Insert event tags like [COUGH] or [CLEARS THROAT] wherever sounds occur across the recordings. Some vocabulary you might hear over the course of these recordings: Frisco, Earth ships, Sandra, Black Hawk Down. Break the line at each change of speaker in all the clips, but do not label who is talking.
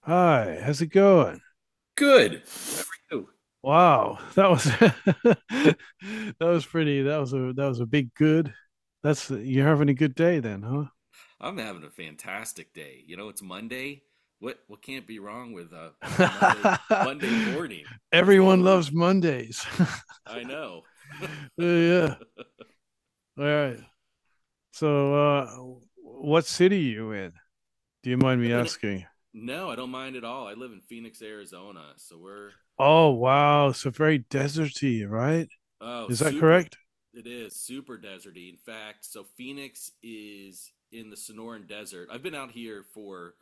Hi, how's it going?
Good. Ooh,
Wow, that was [LAUGHS] that was pretty. That was a big good. That's you're having a good day then,
I'm having a fantastic day. You know, it's Monday. What can't be wrong with a Monday
huh?
Monday morning?
[LAUGHS]
Best day of
Everyone
the
loves
week.
Mondays. [LAUGHS]
I know. [LAUGHS]
Yeah,
Live
yeah. All right. So, uh, what city are you in? Do you mind me
in-
asking?
No, I don't mind at all. I live in Phoenix, Arizona, so we're.
Oh, wow. So very deserty, right?
Oh,
Is that
super.
correct?
It is super deserty. In fact, so Phoenix is in the Sonoran Desert. I've been out here for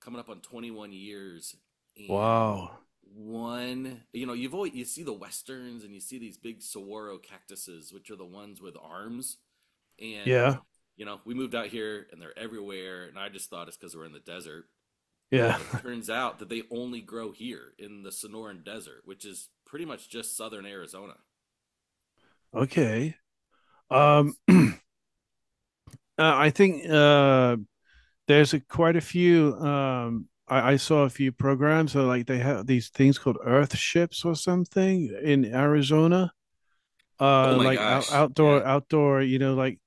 coming up on 21 years, and
Wow.
one, you've always, you see the westerns, and you see these big saguaro cactuses, which are the ones with arms. And
Yeah.
we moved out here, and they're everywhere, and I just thought it's because we're in the desert. And
Yeah.
it
[LAUGHS]
turns out that they only grow here in the Sonoran Desert, which is pretty much just southern Arizona.
Okay.
Yeah.
Um, [CLEARS THROAT] uh, I think there's quite a few. I saw a few programs where like they have these things called Earth ships or something in Arizona.
Oh my
Like
gosh, yeah.
outdoor. You know, like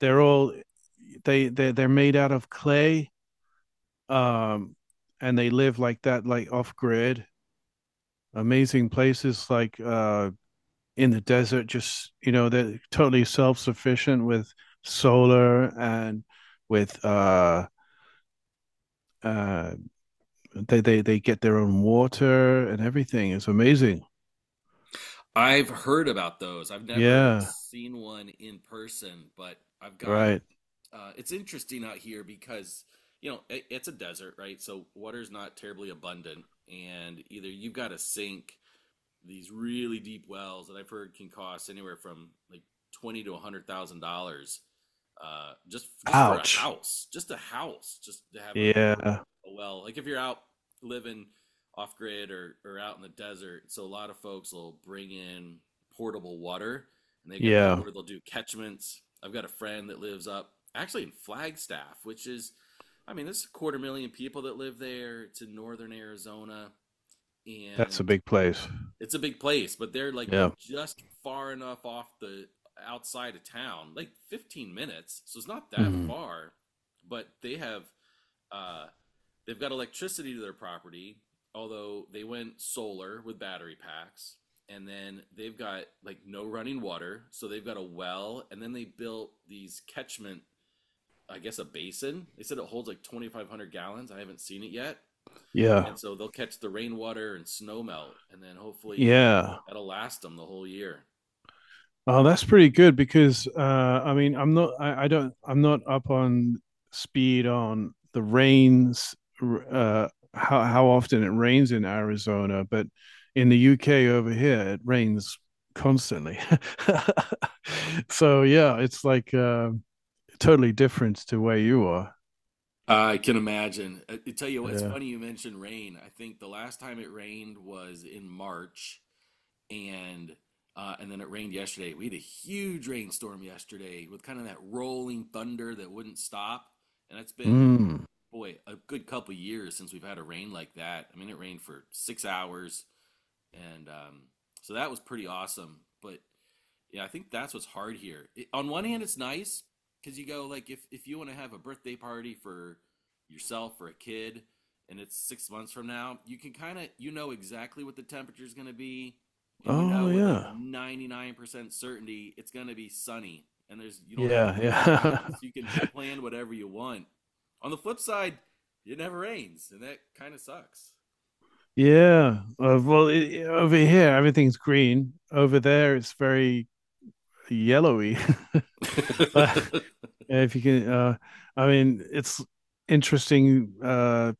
they're all they're made out of clay. Um, and they live like that, like off grid. Amazing places like in the desert, just you know, they're totally self sufficient with solar and with uh they get their own water and everything. It's amazing.
I've heard about those. I've never
Yeah,
seen one in person, but I've got
right.
it's interesting out here because it's a desert, right? So water's not terribly abundant, and either you've got a sink these really deep wells that I've heard can cost anywhere from like 20 to $100,000, just for
Ouch.
a house, just to have a, a
Yeah,
a well. Like if you're out living off grid or out in the desert, so a lot of folks will bring in portable water, and they get the
yeah.
or they'll do catchments. I've got a friend that lives up actually in Flagstaff, which is, I mean, there's a quarter million people that live there. It's in northern Arizona,
That's a
and
big place.
it's a big place, but they're like
Yeah.
just far enough off the outside of town, like 15 minutes. So it's not that
Mhm.
far, but uh they've got electricity to their property, although they went solar with battery packs. And then they've got like no running water, so they've got a well, and then they built these catchment, I guess a basin. They said it holds like 2,500 gallons. I haven't seen it yet,
Yeah.
and so they'll catch the rainwater and snow melt, and then hopefully
Yeah.
that'll last them the whole year.
Oh, that's pretty good because I mean I don't I'm not up on speed on the rains r- how often it rains in Arizona, but in the UK over here it rains constantly. [LAUGHS] So yeah, it's like totally different to where you are.
I can imagine. I tell you what, it's
Yeah.
funny you mentioned rain. I think the last time it rained was in March, and and then it rained yesterday. We had a huge rainstorm yesterday with kind of that rolling thunder that wouldn't stop, and it's been,
Mm.
boy, a good couple years since we've had a rain like that. I mean, it rained for 6 hours, and so that was pretty awesome. But yeah, I think that's what's hard here. On one hand, it's nice because you go like if you want to have a birthday party for yourself or a kid, and it's 6 months from now, you can kind of exactly what the temperature is going to be, and
Oh
with like
yeah.
99% certainty it's going to be sunny, and there's you don't have to
Yeah.
worry about weather,
Yeah.
so you can plan whatever you want. On the flip side, it never rains, and that kind of sucks.
[LAUGHS] Yeah. Well, over here everything's green. Over there it's very yellowy. [LAUGHS] But
[LAUGHS]
if you can, I mean, it's interesting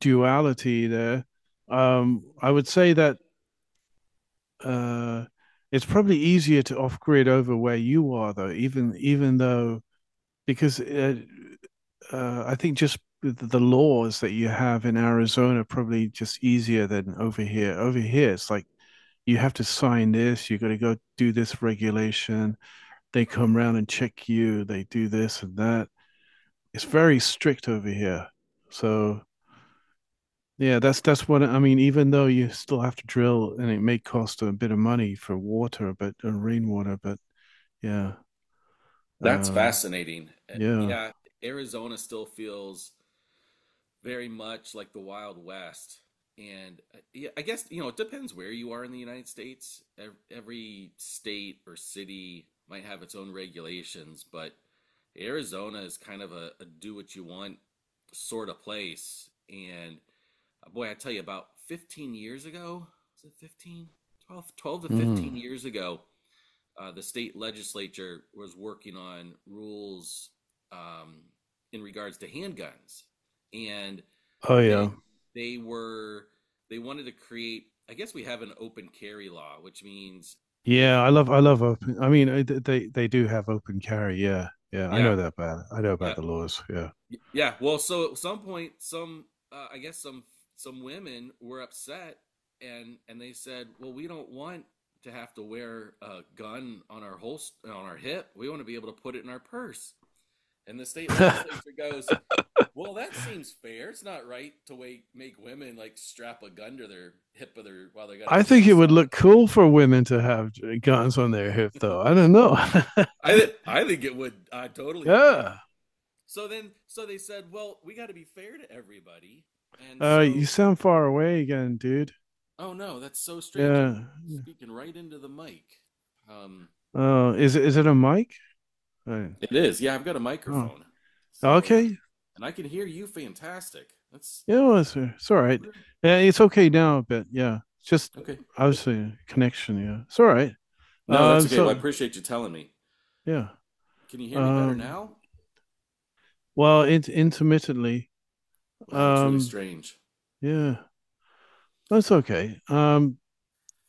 duality there. I would say that uh, it's probably easier to off grid over where you are, though. Even though because I think just the laws that you have in Arizona are probably just easier than over here. Over here, it's like you have to sign this, you got to go do this regulation. They come round and check you, they do this and that. It's very strict over here. So yeah, that's what I mean. Even though you still have to drill, and it may cost a bit of money for water, but rainwater, but yeah,
That's
um,
fascinating.
yeah.
Yeah, Arizona still feels very much like the Wild West. And yeah, I guess, it depends where you are in the United States. Every state or city might have its own regulations, but Arizona is kind of a do what you want sort of place. And boy, I tell you, about 15 years ago, was it 15? 12, twelve to 15
Mm.
years ago, the state legislature was working on rules um, in regards to handguns, and
Oh
they
yeah,
they were they wanted to create. I guess we have an open carry law, which means if.
yeah, I love open. I mean, they do have open carry. Yeah, yeah, I
Yeah,
know that about. I know about
yeah,
the laws. Yeah,
yeah. Well, so at some point, some I guess some women were upset, and they said, well, we don't want to have to wear a gun on our holster on our hip. We want to be able to put it in our purse. And the state legislature goes, well, that seems fair. It's not right to wait, make women like strap a gun to their hip of their while they got a
I think it
dress
would
on.
look cool for women to have guns on their hip, though. I don't know. [LAUGHS]
I think it would. I totally agree.
Yeah.
So then, so they said, well, we got to be fair to everybody. And
You
so,
sound far away again, dude.
oh no, that's so strange. I'm
Yeah.
speaking right into the mic. Um,
Is it a mic? Uh,
it is. Yeah, I've got a
Oh,
microphone. So, and I,
okay.
and I can hear you fantastic. That's
Yeah, well, it's all right. Yeah, it's okay now a bit. Yeah, it's just
okay.
obviously a connection. Yeah, it's all right.
No, that's okay. Well, I
So
appreciate you telling me.
yeah.
Can you hear me better
Um,
now?
Well, it intermittently.
Wow, that's really
Um,
strange.
yeah, that's okay.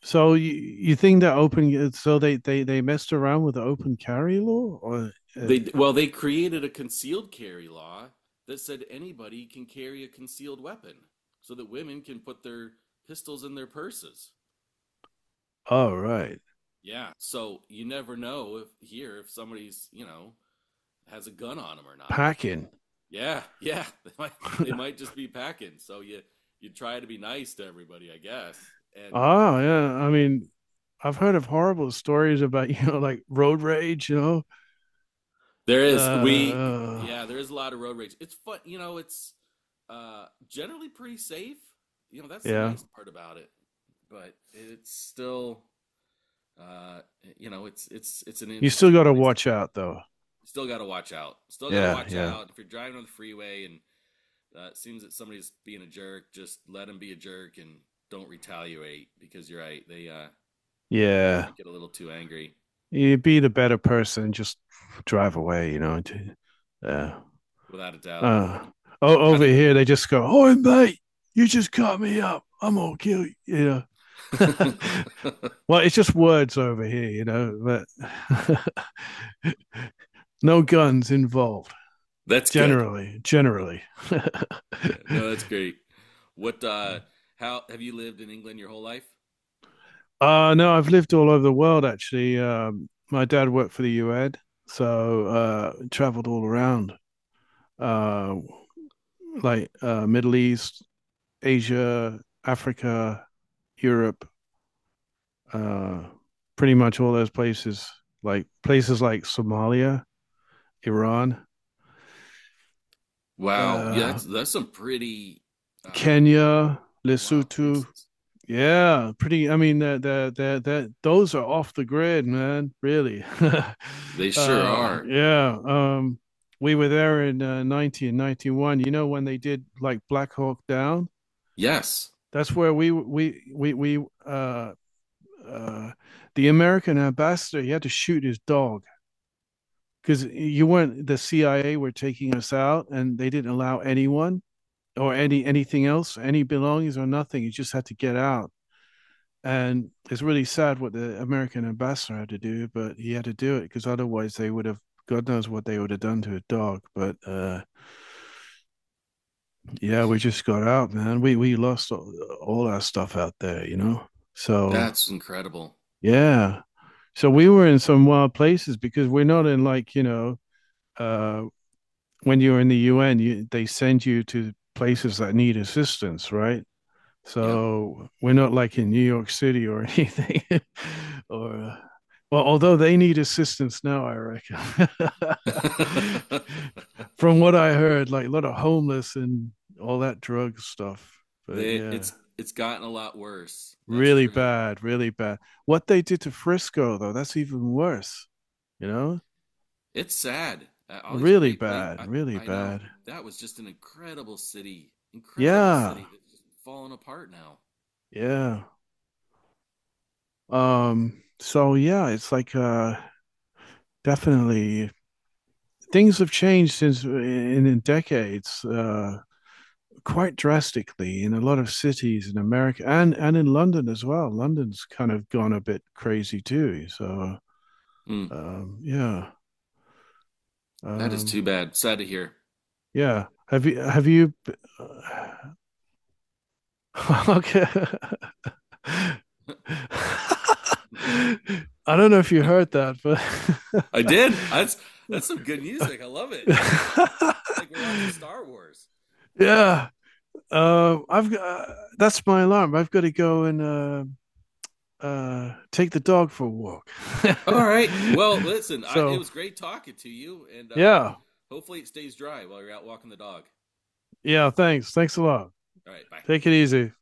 So you you think that open? So they messed around with the open carry law, or uh,
They Well, they created a concealed carry law that said anybody can carry a concealed weapon so that women can put their pistols in their purses.
oh right,
Yeah. So you never know if somebody's, has a gun on them or not.
packing.
Yeah, [LAUGHS] yeah. They might just be packing. So you try to be nice to everybody, I guess. And
Ah, yeah, I mean, I've heard of horrible stories about [LAUGHS] you know like road rage. You know,
there
uh,
is. We
uh,
Yeah, there is a lot of road rage. It's fun, it's generally pretty safe. You know, that's the
yeah.
nice part about it. But it's still, uh it's an
You still
interesting
got to
place to be
watch
living.
out though.
Still got to watch out. Still got to
Yeah,
watch
yeah,
out. If you're driving on the freeway and it seems that somebody's being a jerk, just let them be a jerk and don't retaliate because you're right. They
yeah.
might get a little too angry,
You be the better person. Just drive away. You know. Yeah.
without a doubt.
Uh,
How
over
do you?
here, they just go, "Oh, mate, you just cut me up. I'm gonna kill you." You know. [LAUGHS] Well, it's just words over here, you know, but [LAUGHS] no guns involved.
[LAUGHS] That's good.
Generally, generally.
Yeah, no, that's great. What, how have you lived in England your whole life?
No, I've lived all over the world actually. My dad worked for the UN, so traveled all around, uh, Middle East, Asia, Africa, Europe, uh, pretty much all those places like Somalia, Iran,
Wow. Yeah,
uh,
that's some pretty uh
Kenya,
wild
Lesotho.
places.
Yeah, pretty. I mean, that that that that those are off the grid, man. Really.
They
[LAUGHS]
sure are.
Yeah. We were there in 1991. You know when they did like Black Hawk Down.
Yes.
That's where we uh, uh, the American ambassador he had to shoot his dog because you weren't the CIA were taking us out, and they didn't allow anyone or anything else, any belongings or nothing. You just had to get out, and it's really sad what the American ambassador had to do, but he had to do it because otherwise they would have. God knows what they would have done to a dog, but yeah, we just got out, man. We lost all our stuff out there, you know. So
That's incredible.
yeah, so we were in some wild places because we're not in like you know uh, when you're in the UN, they send you to places that need assistance, right?
Yep.
So we're not like in New York City or anything, [LAUGHS] or well, although they need assistance now, I reckon. [LAUGHS]
[LAUGHS]
From what I heard, like a lot of homeless and all that drug stuff. But
They,
yeah,
it's gotten a lot worse. That's
really
true.
bad, really bad. What they did to Frisco, though, that's even worse, you know?
It's sad. All these
Really
great places.
bad, really
I know
bad.
that was just an incredible
Yeah,
city that's just falling apart now.
yeah. So yeah, it's like definitely things have changed since in decades, quite drastically in a lot of cities in America and in London as well. London's kind of gone a bit crazy too. So
Mm,
yeah,
that is
um,
too bad. Sad to hear.
yeah. Have you [LAUGHS] Okay. [LAUGHS] I don't know if you heard that, but
I did. That's some good music. I love it.
[LAUGHS] [LAUGHS]
Like we're watching Star Wars.
yeah. I've got that's my alarm. I've got to go and take the dog for a walk.
All right. Well,
[LAUGHS]
listen, it
So
was great talking to you, and
yeah,
hopefully it stays dry while you're out walking the dog.
yeah. Thanks, thanks a lot.
All right. Bye.
Take it easy.